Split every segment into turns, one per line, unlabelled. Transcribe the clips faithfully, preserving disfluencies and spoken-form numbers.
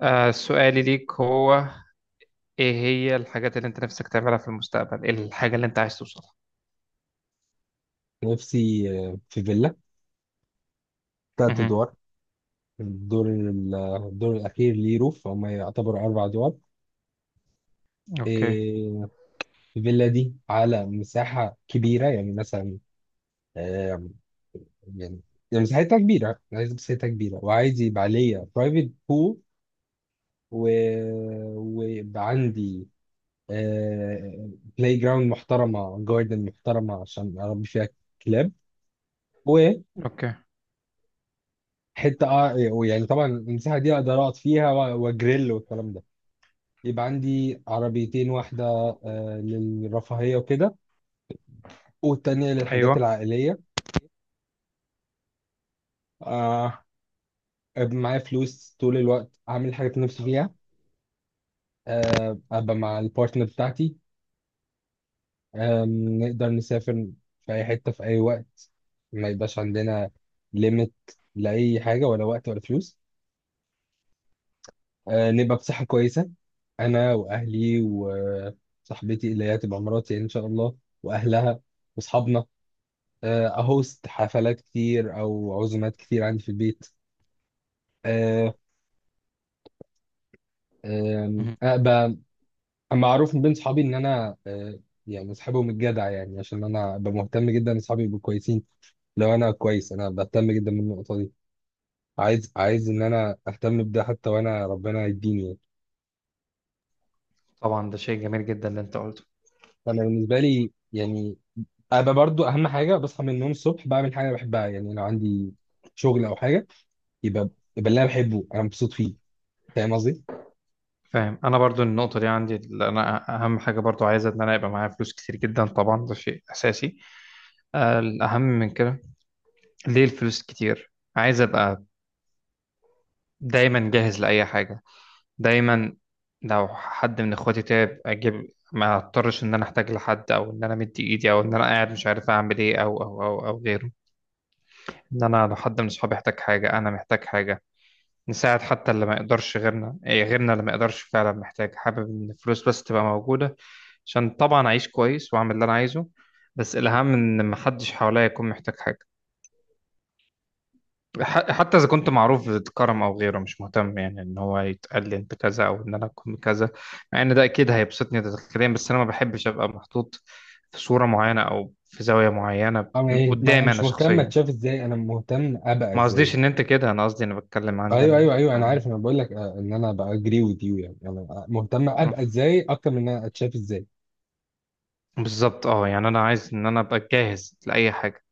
آه سؤالي ليك هو ايه هي الحاجات اللي انت نفسك تعملها في المستقبل؟ ايه الحاجة اللي انت عايز توصلها؟
نفسي آه، في فيلا تلات
مهم.
أدوار. الدور ال- الدور الأخير ليه روف، هما يعتبروا أربع أدوار.
اوكي.
إيه، الفيلا دي على مساحة كبيرة، يعني مثلا آه، يعني يعني مساحتها كبيرة، عايز مساحتها كبيرة وعايز يبقى عليا برايفت بول، و... ويبقى عندي بلاي جراوند محترمة، جاردن محترمة عشان أربي فيها كلاب وحتة.
اوكي.
آه، يعني طبعا المساحة دي أقدر أقعد فيها و- وأجريل والكلام ده. يبقى عندي عربيتين، واحدة آه، للرفاهية وكده، والتانية للحاجات
ايوه.
العائلية. آه، أبقى معايا فلوس طول الوقت، أعمل الحاجات اللي نفسي فيها. آه، أبقى مع البارتنر بتاعتي. آم، نقدر نسافر في أي حتة في أي وقت، ما يبقاش عندنا ليميت لأي حاجة، ولا وقت ولا فلوس. آه، نبقى بصحة كويسة، أنا وأهلي وصاحبتي اللي هي تبقى مراتي إن شاء الله، وأهلها وأصحابنا. آه، اهوست حفلات كتير او عزومات كتير عندي في البيت. آه، آم،
مهم.
ابقى معروف من بين صحابي ان انا، آه، يعني اصحابهم الجدع، يعني عشان انا ابقى مهتم جدا ان صحابي يبقوا كويسين. لو انا كويس انا بهتم جدا من النقطه دي. عايز عايز ان انا اهتم بده حتى وانا ربنا يديني، يعني.
طبعا ده شيء جميل جدا اللي انت قلته.
فانا بالنسبه لي يعني ابقى برضو اهم حاجه، بصحى من النوم الصبح بعمل حاجه أنا بحبها. يعني لو عندي شغل او حاجه، يبقى يبقى اللي انا بحبه انا مبسوط فيه. فاهم قصدي؟
فاهم، انا برضو النقطة دي عندي، اللي انا اهم حاجة برضو عايزة ان انا يبقى معايا فلوس كتير جدا، طبعا ده شيء اساسي. آه الاهم من كده، ليه الفلوس كتير؟ عايز ابقى دايما جاهز لأي حاجة، دايما. لو حد من اخواتي تعب اجيب، ما اضطرش ان انا احتاج لحد او ان انا مدي ايدي او ان انا قاعد مش عارف اعمل ايه او او او او غيره. ان انا لو حد من اصحابي احتاج حاجه، انا محتاج حاجه نساعد، حتى اللي ما يقدرش غيرنا، إيه غيرنا اللي ما يقدرش فعلا محتاج. حابب ان الفلوس بس تبقى موجوده عشان طبعا اعيش كويس واعمل اللي انا عايزه. بس الاهم ان محدش حواليا يكون محتاج حاجه. ح- حتى اذا كنت معروف بكرم او غيره، مش مهتم يعني ان هو يتقال لي انت كذا او ان انا اكون كذا، مع ان ده اكيد هيبسطني داخليا، بس انا ما بحبش ابقى محطوط في صوره معينه او في زاويه معينه
أو إيه؟ ما أنا
قدامي
مش
انا
مهتم
شخصيا.
أتشاف إزاي، أنا مهتم أبقى
ما
إزاي.
قصديش ان انت كده، انا قصدي انا بتكلم عندي
أيوه
انا
أيوه أيوه أنا
عن.
عارف، أنا بقول لك، آه، إن أنا بقى أجري وذ يو، يعني يعني أنا مهتم
آه.
أبقى إزاي أكتر من إن أنا أتشاف إزاي.
بالظبط. اه يعني انا عايز ان انا ابقى جاهز لاي حاجه.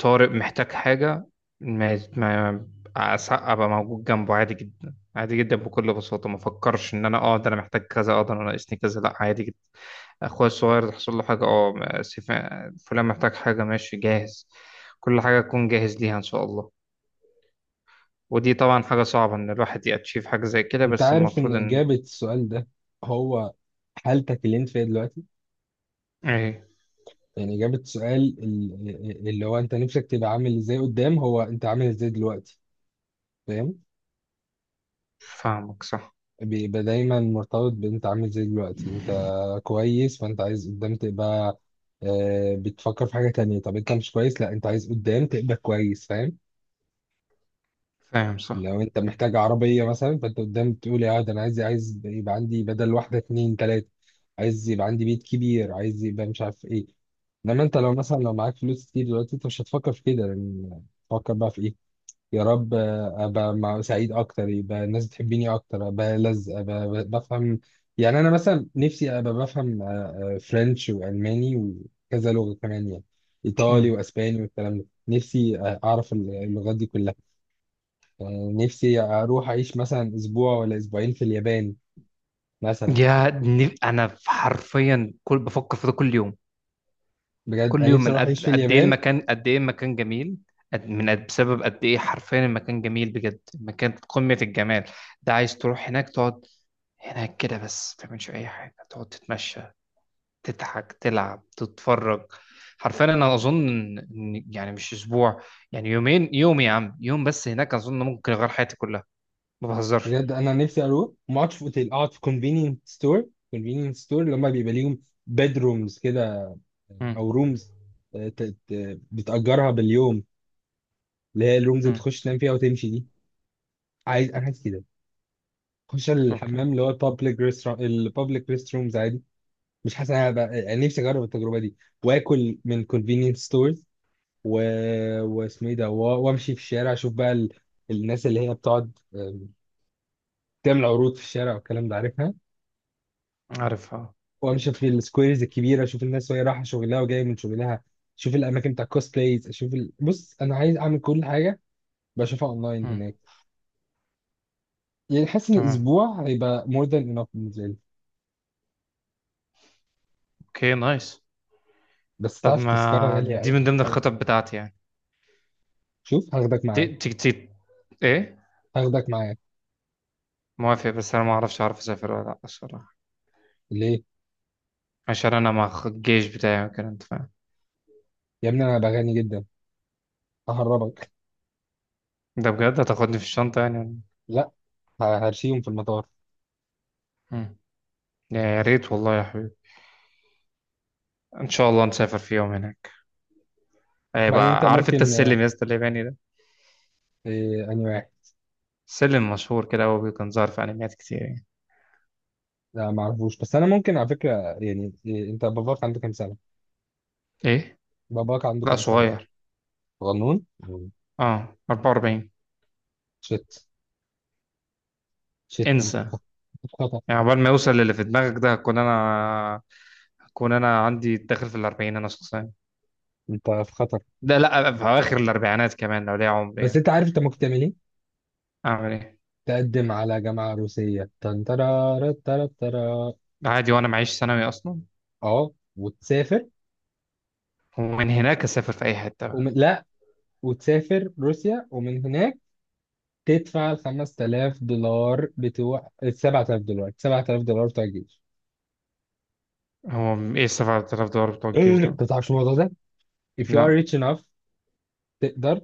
طارق محتاج حاجة، ما ما أس- أبقى موجود جنبه عادي جدا، عادي جدا بكل بساطة. ما فكرش إن أنا أه ده أنا محتاج كذا، أه ده أنا ناقصني كذا، لأ، عادي جدا. أخويا الصغير تحصل له حاجة، أه ما- سيف- فلان محتاج حاجة، ماشي جاهز. كل حاجة أكون جاهز ليها إن شاء الله. ودي طبعا حاجة صعبة إن الواحد يأتشيف حاجة زي كده،
أنت
بس
عارف إن
المفروض إن
إجابة السؤال ده هو حالتك اللي أنت فيها دلوقتي؟
إيه.
يعني إجابة السؤال ال- اللي هو أنت نفسك تبقى عامل إزاي قدام، هو أنت عامل إزاي دلوقتي. فاهم؟
فاهمك صح.
بيبقى دايما مرتبط بانت عامل زي دلوقتي. انت كويس، فانت عايز قدام تبقى آه، بتفكر في حاجة تانية. طب انت مش كويس، لا انت عايز قدام تبقى كويس، فاهم؟
فاهم صح.
لو انت محتاج عربية مثلا، فانت قدام بتقول يا ده انا عايز، عايز يبقى عندي بدل واحدة اتنين تلاتة. عايز يبقى عندي بيت كبير، عايز يبقى مش عارف ايه. انما انت لو مثلا لو معاك فلوس كتير دلوقتي، انت مش هتفكر في كده. لان تفكر بقى في ايه؟ يا رب ابقى مع سعيد اكتر، يبقى الناس بتحبني اكتر، ابقى لذ، ابقى ب- بفهم. يعني انا مثلا نفسي ابقى بفهم آه، آه، فرنش والماني وكذا لغه كمان، يعني ايطالي
مم.
واسباني والكلام ده. نفسي آه، اعرف اللغات دي كلها. آه، نفسي اروح اعيش مثلا اسبوع ولا اسبوعين في اليابان مثلا.
يا ن- أنا حرفيا كل بفكر في ده كل يوم،
بجد
كل
انا
يوم.
نفسي
من
اروح اعيش
قد
في
قد ايه
اليابان.
المكان، قد ايه المكان جميل، قد من قد بسبب قد ايه حرفيا المكان جميل بجد، المكان قمة الجمال. ده عايز تروح هناك تقعد هناك كده بس، ما تعملش اي حاجة، تقعد تتمشى، تضحك، تلعب، تتفرج. حرفيا انا اظن إن- يعني مش اسبوع، يعني يومين، يوم يا عم، يوم بس هناك اظن ممكن يغير حياتي كلها، ما بهزرش.
بجد انا نفسي اروح ما اقعدش في اوتيل، اقعد في كونفينينت ستور، كونفينينت ستور اللي هم بيبقى ليهم بيدرومز كده
امم.
او رومز بتأجرها باليوم، اللي هي الرومز اللي
امم.
بتخش تنام فيها وتمشي دي. عايز انا عايز كده اخش
اوكي.
الحمام اللي هو البابليك ريست، البابليك ريست رومز عادي. مش حاسس، انا هبقى يعني نفسي اجرب التجربه دي، واكل من كونفينينس ستورز، و... واسمه ايه ده و- وامشي في الشارع، اشوف بقى ال... الناس اللي هي بتقعد آه، تعمل عروض في الشارع والكلام ده، عارفها.
عارفها.
وامشي في السكويرز الكبيره، اشوف الناس وهي رايحه شغلها وجايه من شغلها. اشوف الاماكن بتاع كوست بلايز، اشوف ال... بص انا عايز اعمل كل حاجه بشوفها اونلاين
امم.
هناك. يعني حاسس ان
تمام.
اسبوع هيبقى more than enough بالنسبه لي.
اوكي، نايس.
بس
طب
تعرف تذكره
ما
غاليه
دي
قوي
من ضمن
قوي.
الخطط بتاعتي يعني.
شوف، هاخدك
تي
معايا.
تي تي ايه؟
هاخدك معايا.
موافق، بس انا ما اعرفش اعرف اسافر ولا لا الصراحه.
ليه؟
عشان انا مع الجيش بتاعي وكده، انت فاهم.
يا ابني انا بغني جدا، ههربك.
ده بجد هتاخدني في الشنطه يعني؟
لا، ه- هرشيهم في المطار.
مم. يا يا ريت والله يا حبيبي، ان شاء الله نسافر في يوم هناك.
بعدين انت
هيبقى. عارف انت
ممكن آه،
السلم يا اسطى الياباني ده؟
إيه، اني واحد.
سلم مشهور كده، هو كان ظاهر في انميات كتير يعني.
لا ما اعرفوش، بس انا ممكن على فكره، يعني إيه، انت باباك عنده كام سنه؟
ايه؟
باباك عنده
لا
كام سنه؟
صغير.
غنون. مم.
اه، اربعة واربعين.
شت. شت، انت
انسى.
في خطر.
يعني عقبال ما يوصل للي في دماغك ده هكون انا، هكون انا عندي داخل في الاربعين انا شخصيا،
انت في خطر.
ده لا في اواخر الاربعينات كمان لو ليا عمر
بس
يعني.
انت عارف انت ممكن تعمل ايه؟
اعمل ايه؟
تقدم على جامعه روسيه، تنترا ترى ترى ترى،
عادي، وانا معيش ثانوي اصلا.
اه وتسافر.
ومن هناك اسافر في اي حته بقى.
ومن لا وتسافر روسيا، ومن هناك تدفع ال خمس تلاف دولار بتوع ال سبع تلاف دولار، سبعة آلاف دولار بتوع الجيش.
هو م- ايه سبعة الاف دولار بتوع
إيه.
الجيش ده؟
انت تعرفش الموضوع ده؟ If you
لا.
are rich enough، تقدر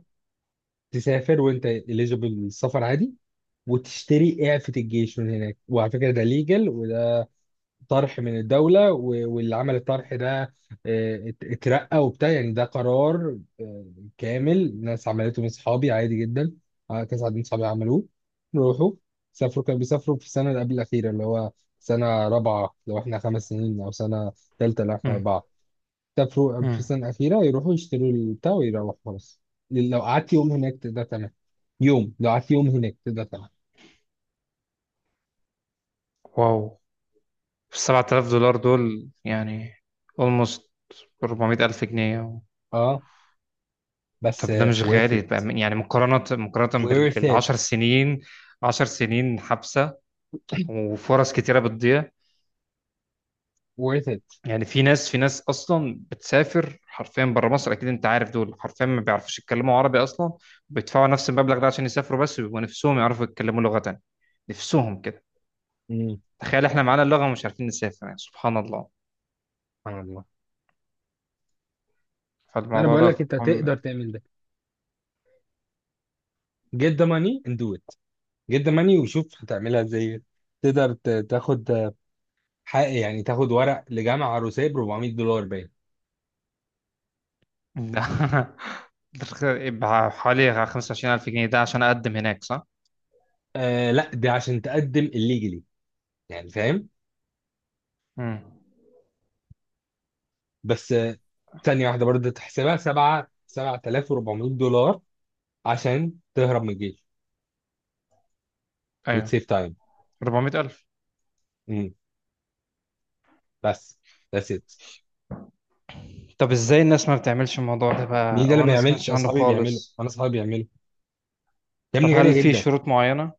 تسافر وانت eligible للسفر عادي، وتشتري اعفة الجيش من هناك. وعلى فكرة ده legal، وده طرح من الدولة، و- واللي عمل الطرح ده آه، ات- اترقى وبتاع. يعني ده قرار آه، كامل، ناس عملته من صحابي عادي جدا. آه، كذا عدد من صحابي عملوه، روحوا سافروا. كانوا بيسافروا في السنة اللي قبل الأخيرة، اللي هو سنة رابعة لو احنا خمس سنين، أو سنة تالتة لو احنا
امم.
أربعة. سافروا في
امم.
السنة الأخيرة، يروحوا يشتروا البتاع ويروحوا خلاص. لو قعدت يوم هناك تقدر تعمل يوم لو قعدت يوم هناك تقدر تعمل.
واو. سبعة الاف دولار دول يعني almost اربعمية الف جنيه.
اه، بس
طب ده
آه،
مش
worth
غالي بقى
it
من- يعني مقارنه مقارنه
worth
بال
it
عشر سنين؟ عشر سنين حبسه وفرص كتيره بتضيع
worth
يعني. في ناس، في ناس اصلا بتسافر حرفيا بره مصر، اكيد انت عارف دول حرفيا ما بيعرفوش يتكلموا عربي اصلا، بيدفعوا نفس المبلغ ده عشان يسافروا بس، ويبقوا نفسهم يعرفوا يتكلموا لغة تانية، نفسهم كده.
it.
تخيل احنا معانا اللغة ومش عارفين نسافر، يعني سبحان الله.
سبحان الله. انا
فالموضوع
بقول لك
ده
انت
عم-
تقدر تعمل ده. Get the money and do it. Get the money وشوف هتعملها ازاي. تقدر ت- تاخد حق، يعني تاخد ورق لجامعه عروسيه ب أربع ميت دولار باين.
ده يبقى حوالي خمسة وعشرين الف جنيه ده عشان اقدم هناك صح؟
آه لا، ده عشان تقدم الليجلي، يعني، فاهم؟
امم.
بس آه، ثانيه واحده، برضه تحسبها سبعة سبعة تلاف وأربع ميت دولار عشان تهرب من الجيش
ايوه.
وتسيف تايم.
اربعمية الف.
امم، بس that's it.
طب ازاي الناس ما بتعملش الموضوع ده
مين
بقى،
ده
او
اللي
انا ما
بيعملش؟
سمعتش عنه
اصحابي بيعملوا،
خالص؟
انا اصحابي بيعملوا. يا
طب
ابني
هل
غاليه
في
جدا.
شروط معينة؟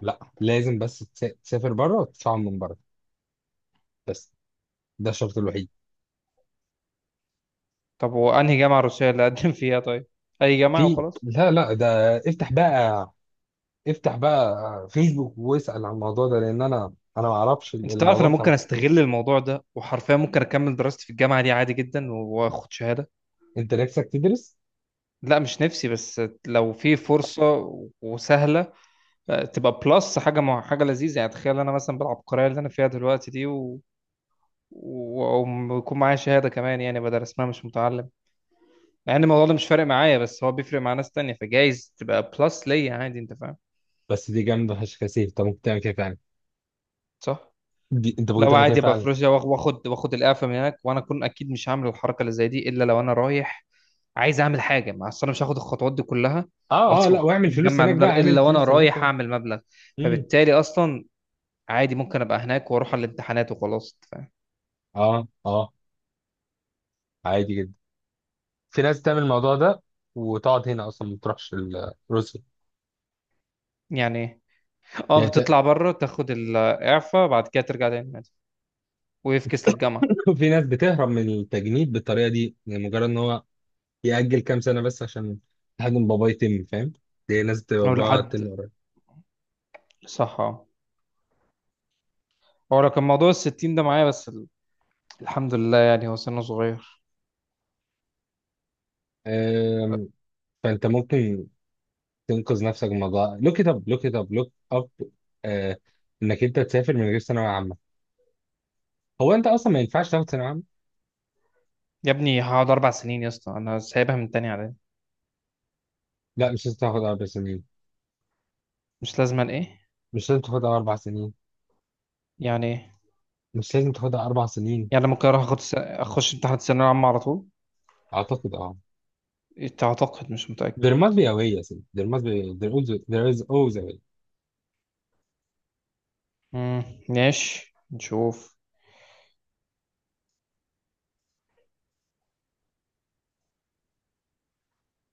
لا، لازم بس تس- تسافر بره وتدفعهم من بره، بس. ده الشرط الوحيد.
طب وانهي جامعه روسيه اللي اقدم فيها طيب؟ اي جامعه
في،
وخلاص؟
لا لا ده افتح بقى، افتح بقى فيسبوك واسأل عن الموضوع ده، لان انا انا ما اعرفش
انت تعرف
الموضوع
انا
بتاع.
ممكن استغل الموضوع ده، وحرفيا ممكن اكمل دراستي في الجامعه دي عادي جدا واخد شهاده.
انت نفسك تدرس؟
لا مش نفسي، بس لو في فرصه وسهله، آه، تبقى بلس حاجه مع حاجه لذيذه يعني. تخيل انا مثلا بالعبقريه اللي انا فيها دلوقتي دي و... و- ويكون معايا شهاده كمان، يعني بدل اسمها مش متعلم. مع ان الموضوع ده مش فارق معايا، بس هو بيفرق مع ناس تانية، فجايز تبقى بلس ليا عادي، انت فاهم.
بس دي جامده فشخ يا سيف، انت ممكن تعمل كده فعلا.
صح.
دي انت ممكن
لو
تعمل كده
عادي ابقى
فعلا.
في روسيا واخ- واخد واخد القافه من هناك، وانا اكون اكيد مش هعمل الحركه اللي زي دي الا لو انا رايح عايز اعمل حاجه مع أصل، انا مش هاخد الخطوات دي كلها
اه اه لا،
واصفى
واعمل فلوس
مجمع
هناك
مبلغ،
بقى،
الا
اعمل
لو انا
فلوس هناك
رايح
و...
اعمل مبلغ.
مم.
فبالتالي اصلا عادي ممكن ابقى هناك واروح على الامتحانات وخلاص ف...
اه اه عادي جدا، في ناس تعمل الموضوع ده وتقعد هنا اصلا ما تروحش ال- روسيا.
يعني إيه؟ اه،
يعني انت،
بتطلع بره، تاخد الاعفاء، بعد كده ترجع تاني عادي، ويفكس للجامعه
في ناس بتهرب من التجنيد بالطريقه دي، يعني مجرد ان هو يأجل كام سنة بس، عشان حد من بابا يتم، فاهم؟ دي ناس بتبقى
او
بابا تم
لحد.
قريب.
صح، اه. هو لو كان موضوع الستين ده معايا بس ال- الحمد لله يعني هو سنه صغير.
أم، فأنت ممكن تنقذ نفسك من الموضوع. لوك إت أب، لوك إت أب، لوك أب، إنك أنت تسافر من غير ثانوية عامة. هو أنت أصلا ما ينفعش تاخد ثانوية عامة.
يا ابني هقعد اربع سنين يا اسطى، انا سايبها من تاني على.
لا مش لازم تاخد أربع سنين.
مش لازما ايه؟
مش لازم تاخدها أربع سنين.
يعني ايه؟
مش لازم تاخدها أربع سنين.
يعني ممكن اروح اخد س... اخش امتحان الثانويه العامه على طول؟
أعتقد أه.
إيه، اعتقد. مش متاكد.
There must be a way يا سيدي. There must be. There is، there is always a way.
امم. ماشي، نشوف.